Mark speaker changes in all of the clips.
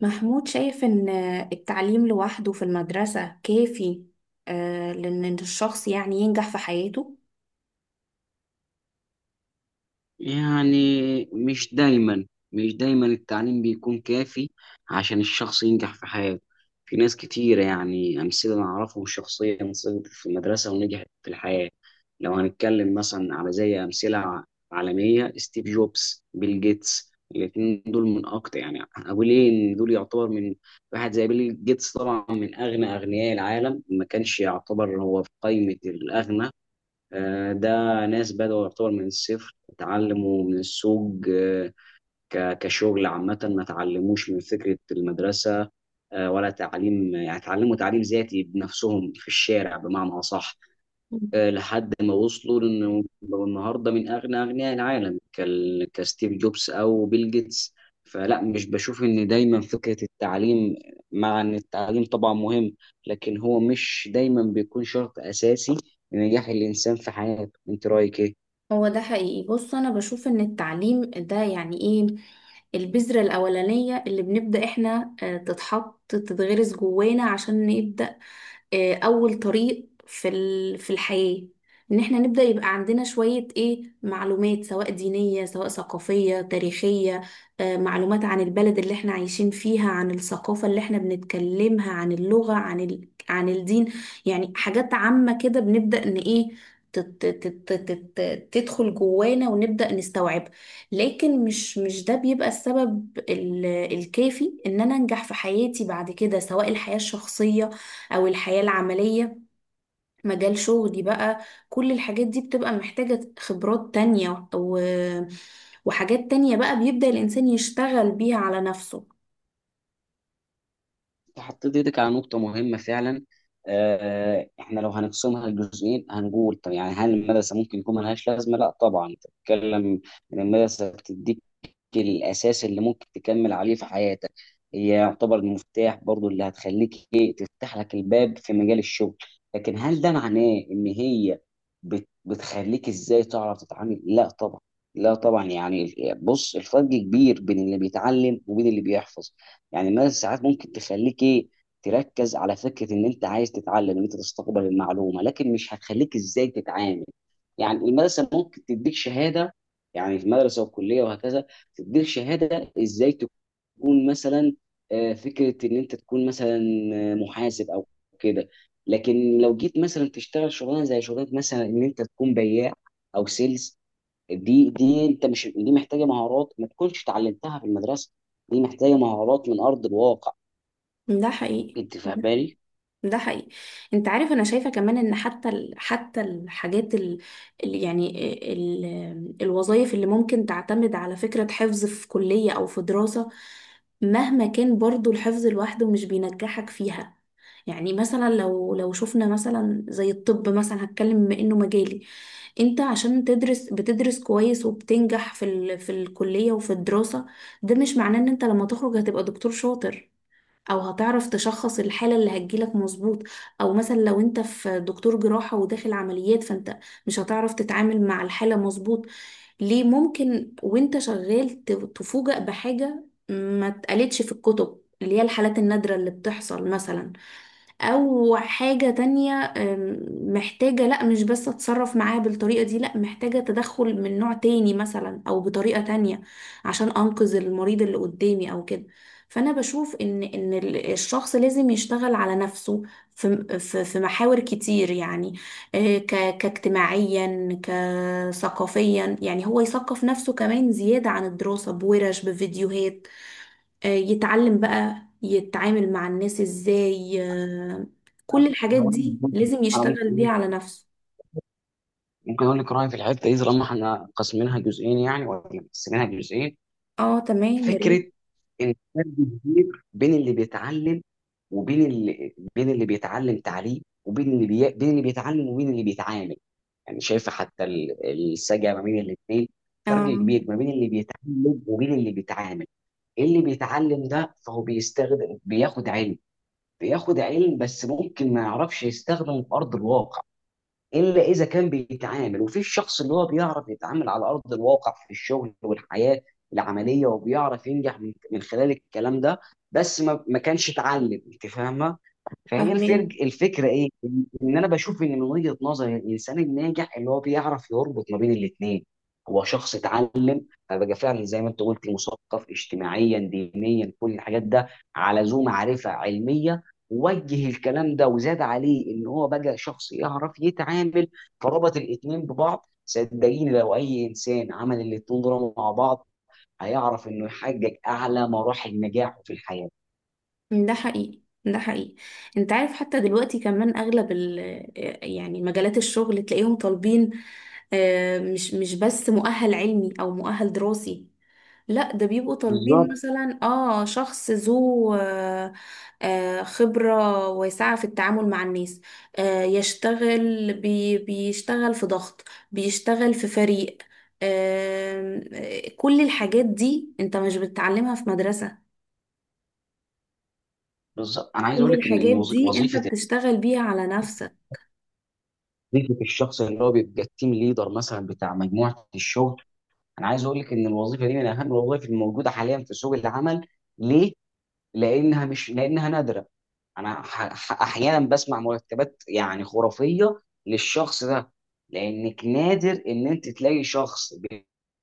Speaker 1: محمود شايف إن التعليم لوحده في المدرسة كافي، لأن الشخص يعني ينجح في حياته.
Speaker 2: يعني مش دايما مش دايما التعليم بيكون كافي عشان الشخص ينجح في حياته. في ناس كتيرة، يعني أمثلة أنا أعرفهم شخصيا، سقطت في المدرسة ونجحت في الحياة. لو هنتكلم مثلا على زي أمثلة عالمية، ستيف جوبز، بيل جيتس، الاتنين دول من أكتر، يعني أقول إيه، إن دول يعتبر من، واحد زي بيل جيتس طبعا من أغنى أغنياء العالم، ما كانش يعتبر هو في قائمة الأغنى. ده ناس بدأوا، يعتبر من الصفر، اتعلموا من السوق، كشغل عامة ما اتعلموش من فكرة المدرسة. ولا تعليم، يعني اتعلموا تعليم ذاتي بنفسهم في الشارع، بمعنى أصح. لحد ما وصلوا لانه بقوا النهارده من اغنى اغنياء العالم، كستيف جوبز او بيل جيتس. فلا، مش بشوف ان دايما فكره التعليم، مع ان التعليم طبعا مهم، لكن هو مش دايما بيكون شرط اساسي لنجاح الانسان في حياته. انت رايك ايه؟
Speaker 1: هو ده حقيقي. بص، أنا بشوف إن التعليم ده يعني إيه، البذرة الأولانية اللي بنبدأ إحنا تتحط، تتغرس جوانا عشان نبدأ اول طريق في في الحياة. ان احنا نبدأ يبقى عندنا شوية ايه معلومات، سواء دينية سواء ثقافية تاريخية، معلومات عن البلد اللي احنا عايشين فيها، عن الثقافة اللي احنا بنتكلمها، عن اللغة، عن الدين. يعني حاجات عامة كده بنبدأ ان ايه تدخل جوانا ونبدأ نستوعب. لكن مش ده بيبقى السبب الكافي ان انا انجح في حياتي بعد كده، سواء الحياة الشخصية او الحياة العملية، مجال شغلي بقى. كل الحاجات دي بتبقى محتاجة خبرات تانية وحاجات تانية بقى بيبدأ الانسان يشتغل بيها على نفسه.
Speaker 2: انت حطيت ايدك على نقطه مهمه فعلا. احنا لو هنقسمها لجزئين، هنقول طب يعني، هل المدرسه ممكن يكون ملهاش لازمه؟ لا طبعا، تتكلم ان المدرسه بتديك الأساس اللي ممكن تكمل عليه في حياتك. هي يعتبر المفتاح برضو اللي هتخليك إيه، تفتح لك الباب في مجال الشغل. لكن هل ده معناه إن هي بتخليك إزاي تعرف تتعامل؟ لا طبعا، لا طبعا يعني، بص، الفرق كبير بين اللي بيتعلم وبين اللي بيحفظ. يعني مثلا ساعات ممكن تخليك إيه، تركز على فكرة إن أنت عايز تتعلم، إن أنت تستقبل المعلومة، لكن مش هتخليك إزاي تتعامل. يعني المدرسة ممكن تديك شهادة، يعني في المدرسة والكلية وهكذا، تديك شهاده ازاي تكون مثلا، فكره ان انت تكون مثلا محاسب او كده. لكن لو جيت مثلا تشتغل شغلانه زي شغلانه مثلا، ان انت تكون بياع او سيلز، دي انت، مش دي محتاجه مهارات ما تكونش اتعلمتها في المدرسه، دي محتاجه مهارات من ارض الواقع.
Speaker 1: ده حقيقي.
Speaker 2: انت فاهماني؟
Speaker 1: ده حقيقي. انت عارف، انا شايفة كمان ان حتى الحاجات ال... ال... يعني ال... الوظائف اللي ممكن تعتمد على فكرة حفظ في كلية او في دراسة، مهما كان برضو الحفظ لوحده مش بينجحك فيها. يعني مثلا لو شفنا مثلا زي الطب مثلا، هتكلم بما انه مجالي، انت عشان تدرس بتدرس كويس وبتنجح في الكلية وفي الدراسة. ده مش معناه ان انت لما تخرج هتبقى دكتور شاطر، او هتعرف تشخص الحالة اللي هتجيلك مظبوط، او مثلا لو انت في دكتور جراحة وداخل عمليات، فانت مش هتعرف تتعامل مع الحالة مظبوط. ليه؟ ممكن وانت شغال تفوجأ بحاجة ما اتقالتش في الكتب، اللي هي الحالات النادرة اللي بتحصل مثلا، او حاجة تانية محتاجة، لا مش بس اتصرف معاه بالطريقة دي، لا محتاجة تدخل من نوع تاني مثلا او بطريقة تانية عشان انقذ المريض اللي قدامي او كده. فانا بشوف ان الشخص لازم يشتغل على نفسه في في محاور كتير، يعني كاجتماعيا، كثقافيا، يعني هو يثقف نفسه كمان زيادة عن الدراسة، بورش، بفيديوهات، يتعلم بقى يتعامل مع الناس ازاي. آه،
Speaker 2: انا
Speaker 1: كل
Speaker 2: ممكن
Speaker 1: الحاجات
Speaker 2: أقول
Speaker 1: دي لازم
Speaker 2: أنا ممكن
Speaker 1: يشتغل
Speaker 2: اقول
Speaker 1: بيها على نفسه.
Speaker 2: ممكن اقول لك رايي في الحته دي، طالما احنا قاسمينها جزئين يعني، ولا مقسمينها جزئين.
Speaker 1: اه، تمام، يا ريت.
Speaker 2: فكره ان فرق كبير بين اللي بيتعلم، وبين اللي بين اللي بيتعلم تعليم، بين اللي بيتعلم وبين اللي بيتعامل. يعني شايفه حتى السجع ما بين الاثنين، فرق
Speaker 1: اه،
Speaker 2: كبير ما بين اللي بيتعلم وبين اللي بيتعامل. اللي بيتعلم ده، فهو بياخد علم، بياخد علم بس ممكن ما يعرفش يستخدمه في ارض الواقع، الا اذا كان بيتعامل. وفي الشخص اللي هو بيعرف يتعامل على ارض الواقع، في الشغل والحياه العمليه، وبيعرف ينجح من خلال الكلام ده، بس ما كانش اتعلم. انت فاهمه؟ فهي
Speaker 1: فاهماه.
Speaker 2: الفرق، الفكره ايه، ان انا بشوف ان من وجهه نظري، الانسان الناجح اللي هو بيعرف يربط ما بين الاثنين، هو شخص اتعلم. انا بقى، فعلا زي ما انت قلت، مثقف اجتماعيا دينيا، كل الحاجات ده، على ذو معرفه علميه، وجه الكلام ده، وزاد عليه ان هو بقى شخص يعرف يتعامل، فربط الاتنين ببعض. صدقيني، لو اي انسان عمل الاتنين دول مع بعض، هيعرف انه يحقق اعلى مراحل نجاحه في الحياه.
Speaker 1: ده حقيقي. ده حقيقي. انت عارف، حتى دلوقتي كمان اغلب ال آه، يعني مجالات الشغل تلاقيهم طالبين، مش بس مؤهل علمي او مؤهل دراسي، لا ده بيبقوا طالبين
Speaker 2: بالظبط.
Speaker 1: مثلا اه شخص ذو خبرة واسعة في التعامل مع الناس، يشتغل بي بيشتغل في ضغط، بيشتغل في فريق، آم، آه، كل الحاجات دي انت مش بتتعلمها في مدرسة،
Speaker 2: بالظبط، انا عايز
Speaker 1: كل
Speaker 2: اقول لك ان
Speaker 1: الحاجات دي انت
Speaker 2: وظيفه
Speaker 1: بتشتغل بيها على نفسك.
Speaker 2: وظيفه الشخص اللي هو بيبقى التيم ليدر مثلا بتاع مجموعه الشغل. انا عايز اقول لك ان الوظيفه دي من اهم الوظائف الموجوده حاليا في سوق العمل. ليه؟ لأنها مش لأنها نادرة. انا احيانا بسمع مرتبات يعني خرافيه للشخص ده، لانك نادر ان انت تلاقي شخص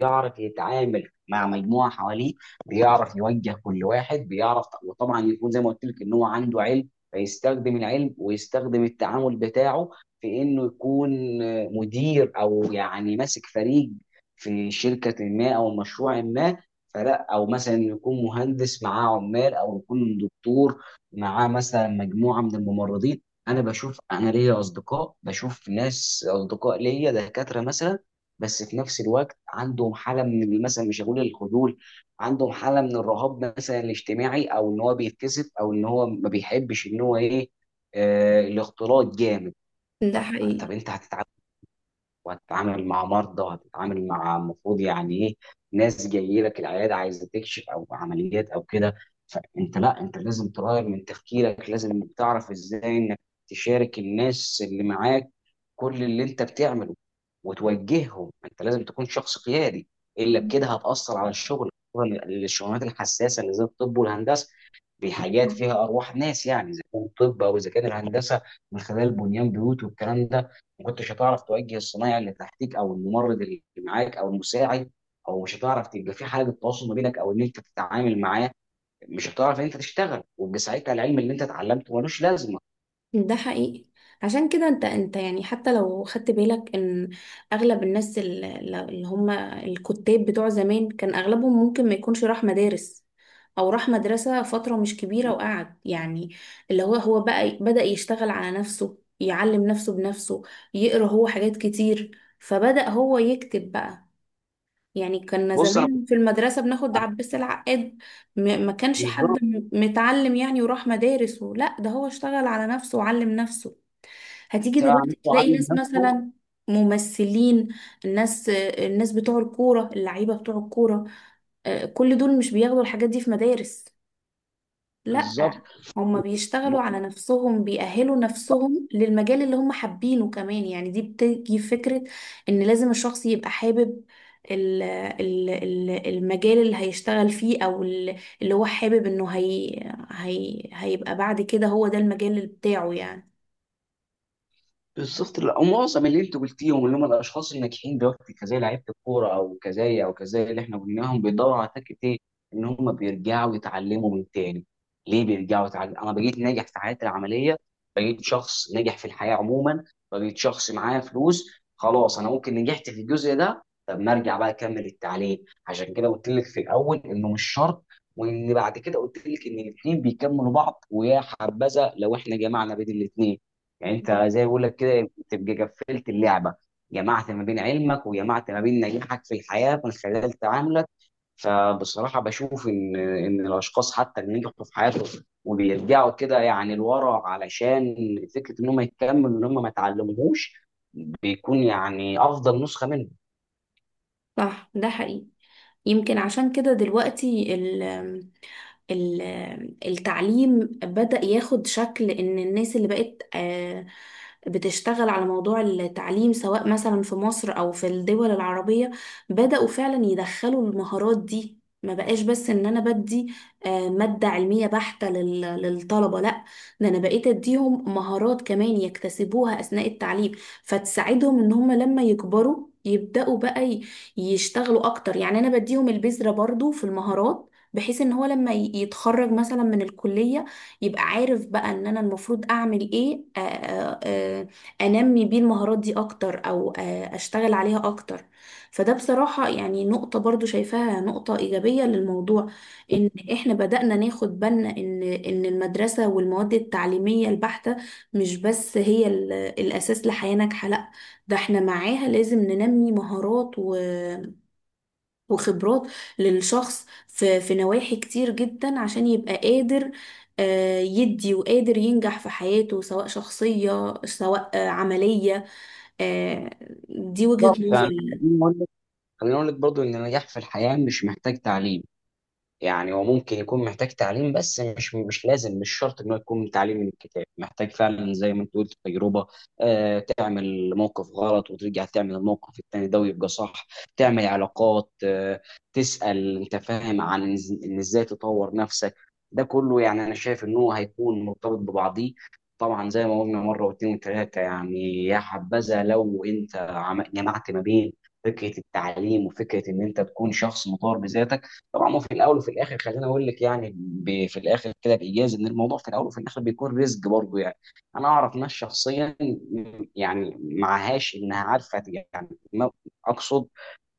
Speaker 2: بيعرف يتعامل مع مجموعه حواليه، بيعرف يوجه كل واحد، بيعرف وطبعا يكون زي ما قلت لك ان هو عنده علم، فيستخدم العلم ويستخدم التعامل بتاعه في انه يكون مدير، او يعني ماسك فريق في شركه ما او مشروع ما. فلا، او مثلا يكون مهندس معاه عمال، او يكون دكتور معاه مثلا مجموعه من الممرضين. انا ليا اصدقاء، بشوف ناس اصدقاء ليا دكاتره مثلا، بس في نفس الوقت عندهم حاله من، مثلا مش هقول الخجول، عندهم حاله من الرهاب مثلا الاجتماعي، او ان هو بيتكسف، او ان هو ما بيحبش ان هو ايه، الاختلاط جامد.
Speaker 1: ده
Speaker 2: طب
Speaker 1: حقيقي.
Speaker 2: انت هتتعامل، وهتتعامل مع مرضى، وهتتعامل مع المفروض يعني ايه، ناس جايه لك العياده عايزه تكشف، او عمليات او كده. فانت لا، انت لازم تغير من تفكيرك، لازم انك تعرف ازاي انك تشارك الناس اللي معاك كل اللي انت بتعمله وتوجههم. انت لازم تكون شخص قيادي، الا بكده هتاثر على الشغل، خصوصاً الشغلانات الحساسه اللي زي الطب والهندسه، بحاجات فيها ارواح ناس يعني، اذا كان الطب او اذا كان الهندسه من خلال بنيان بيوت والكلام ده. ما كنتش هتعرف توجه الصنايعي اللي تحتك، او الممرض اللي معاك، او المساعد، او مش هتعرف تبقى في حاجه تواصل ما بينك، او ان انت تتعامل معاه، مش هتعرف ان انت تشتغل، ويبقى ساعتها العلم اللي انت اتعلمته ملوش لازمه.
Speaker 1: ده حقيقي. عشان كده انت، يعني حتى لو خدت بالك ان اغلب الناس اللي هم الكتاب بتوع زمان كان اغلبهم ممكن ما يكونش راح مدارس، او راح مدرسة فترة مش كبيرة وقعد يعني، اللي هو بقى بدأ يشتغل على نفسه، يعلم نفسه بنفسه، يقرأ هو حاجات كتير، فبدأ هو يكتب بقى. يعني كنا
Speaker 2: بص انا كنت.
Speaker 1: زمان في المدرسة بناخد عباس العقاد، ما كانش
Speaker 2: بالظبط.
Speaker 1: حد متعلم يعني وراح مدارس، لا ده هو اشتغل على نفسه وعلم نفسه. هتيجي
Speaker 2: بتاع
Speaker 1: دلوقتي
Speaker 2: نفسه
Speaker 1: تلاقي
Speaker 2: علم
Speaker 1: ناس
Speaker 2: نفسه.
Speaker 1: مثلا ممثلين، الناس بتوع الكورة، اللعيبة بتوع الكورة، كل دول مش بياخدوا الحاجات دي في مدارس، لأ،
Speaker 2: بالظبط.
Speaker 1: هما بيشتغلوا على نفسهم، بيأهلوا نفسهم للمجال اللي هم حابينه. كمان يعني دي بتيجي فكرة إن لازم الشخص يبقى حابب المجال اللي هيشتغل فيه، أو اللي هو حابب إنه هي هي هيبقى بعد كده هو ده المجال اللي بتاعه يعني.
Speaker 2: بالظبط، لا، ومعظم اللي انت قلتيهم اللي هم الاشخاص الناجحين دلوقتي، كزي لعيبه الكوره او كزي اللي احنا قلناهم، بيدوروا على فكره ايه، ان هم بيرجعوا يتعلموا من تاني. ليه بيرجعوا يتعلموا؟ انا بقيت ناجح في حياتي العمليه، بقيت شخص ناجح في الحياه عموما، بقيت شخص معايا فلوس، خلاص. انا ممكن نجحت في الجزء ده، طب ما ارجع بقى اكمل التعليم. عشان كده قلت لك في الاول انه مش شرط، وان بعد كده قلت لك ان الاثنين بيكملوا بعض، ويا حبذا لو احنا جمعنا بين الاثنين، يعني انت
Speaker 1: مم.
Speaker 2: زي ما بقول لك كده، تبقى قفلت اللعبه، جمعت ما بين علمك، وجمعت ما بين نجاحك في الحياه من خلال تعاملك. فبصراحه بشوف ان الاشخاص حتى اللي نجحوا في حياتهم، وبيرجعوا كده يعني لورا، علشان فكره ان هم يكملوا ان هم ما اتعلموهوش، بيكون يعني افضل نسخه منهم.
Speaker 1: صح، ده حقيقي. يمكن عشان كده دلوقتي ال- التعليم بدأ ياخد شكل ان الناس اللي بقت بتشتغل على موضوع التعليم، سواء مثلا في مصر او في الدول العربية، بدأوا فعلا يدخلوا المهارات دي. ما بقاش بس ان انا بدي مادة علمية بحتة للطلبة، لا ده انا بقيت اديهم مهارات كمان يكتسبوها اثناء التعليم، فتساعدهم ان هم لما يكبروا يبدأوا بقى يشتغلوا اكتر. يعني انا بديهم البذرة برضو في المهارات، بحيث ان هو لما يتخرج مثلا من الكلية، يبقى عارف بقى ان انا المفروض اعمل ايه، انمي بيه المهارات دي اكتر، او اشتغل عليها اكتر. فده بصراحة يعني نقطة برضو شايفاها نقطة ايجابية للموضوع، ان احنا بدأنا ناخد بالنا ان المدرسة والمواد التعليمية البحتة مش بس هي الاساس لحياة ناجحة، لا ده احنا معاها لازم ننمي مهارات و وخبرات للشخص في نواحي كتير جدا، عشان يبقى قادر يدي، وقادر ينجح في حياته سواء شخصية سواء عملية. آه، دي
Speaker 2: بالظبط
Speaker 1: وجهة
Speaker 2: فانا،
Speaker 1: نظري يعني.
Speaker 2: خليني اقول لك خليني اقول لك برضه، ان النجاح في الحياه مش محتاج تعليم. يعني هو ممكن يكون محتاج تعليم بس، مش لازم، مش شرط ان هو يكون تعليم من الكتاب، محتاج فعلا زي ما انت قلت تجربه. تعمل موقف غلط، وترجع تعمل الموقف التاني ده ويبقى صح، تعمل علاقات، تسأل انت فاهم عن إز- ان ازاي تطور نفسك. ده كله يعني، انا شايف ان هو هيكون مرتبط ببعضيه. طبعا زي ما قلنا مره واثنين وثلاثه يعني، يا حبذا لو انت جمعت ما بين فكره التعليم وفكره ان انت تكون شخص مطور بذاتك. طبعا هو في الاول وفي الاخر، خليني اقول لك يعني، في الاخر كده بايجاز، ان الموضوع في الاول وفي الاخر بيكون رزق برضه يعني. انا اعرف ناس شخصيا، يعني معهاش انها عارفه، يعني ما اقصد،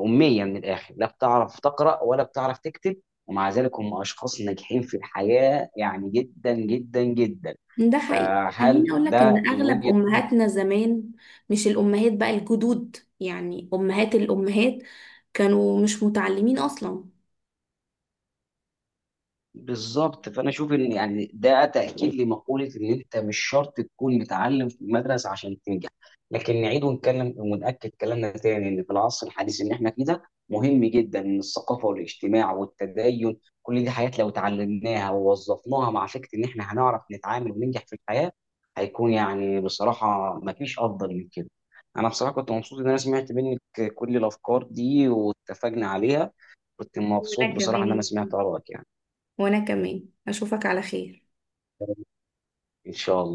Speaker 2: اميه من الاخر، لا بتعرف تقرا ولا بتعرف تكتب، ومع ذلك هم اشخاص ناجحين في الحياه يعني، جدا جدا جدا.
Speaker 1: ده حقيقي.
Speaker 2: فهل
Speaker 1: خليني اقول لك
Speaker 2: ده
Speaker 1: ان
Speaker 2: من
Speaker 1: اغلب
Speaker 2: وجهه.
Speaker 1: امهاتنا زمان، مش الامهات بقى، الجدود يعني، امهات الامهات، كانوا مش متعلمين اصلا.
Speaker 2: بالظبط فانا اشوف ان يعني، ده تاكيد لمقوله ان انت مش شرط تكون متعلم في المدرسه عشان تنجح. لكن نعيد ونكلم ونأكد كلامنا تاني، ان في العصر الحديث ان احنا فيه ده، مهم جدا ان الثقافه والاجتماع والتدين، كل دي حاجات لو اتعلمناها ووظفناها مع فكره ان احنا هنعرف نتعامل وننجح في الحياه، هيكون يعني بصراحه مفيش افضل من كده. انا بصراحه كنت مبسوط ان انا سمعت منك كل الافكار دي واتفقنا عليها. كنت مبسوط
Speaker 1: وانا
Speaker 2: بصراحه ان
Speaker 1: كمان
Speaker 2: انا سمعت ارائك يعني.
Speaker 1: وانا كمان اشوفك على خير.
Speaker 2: إن شاء الله.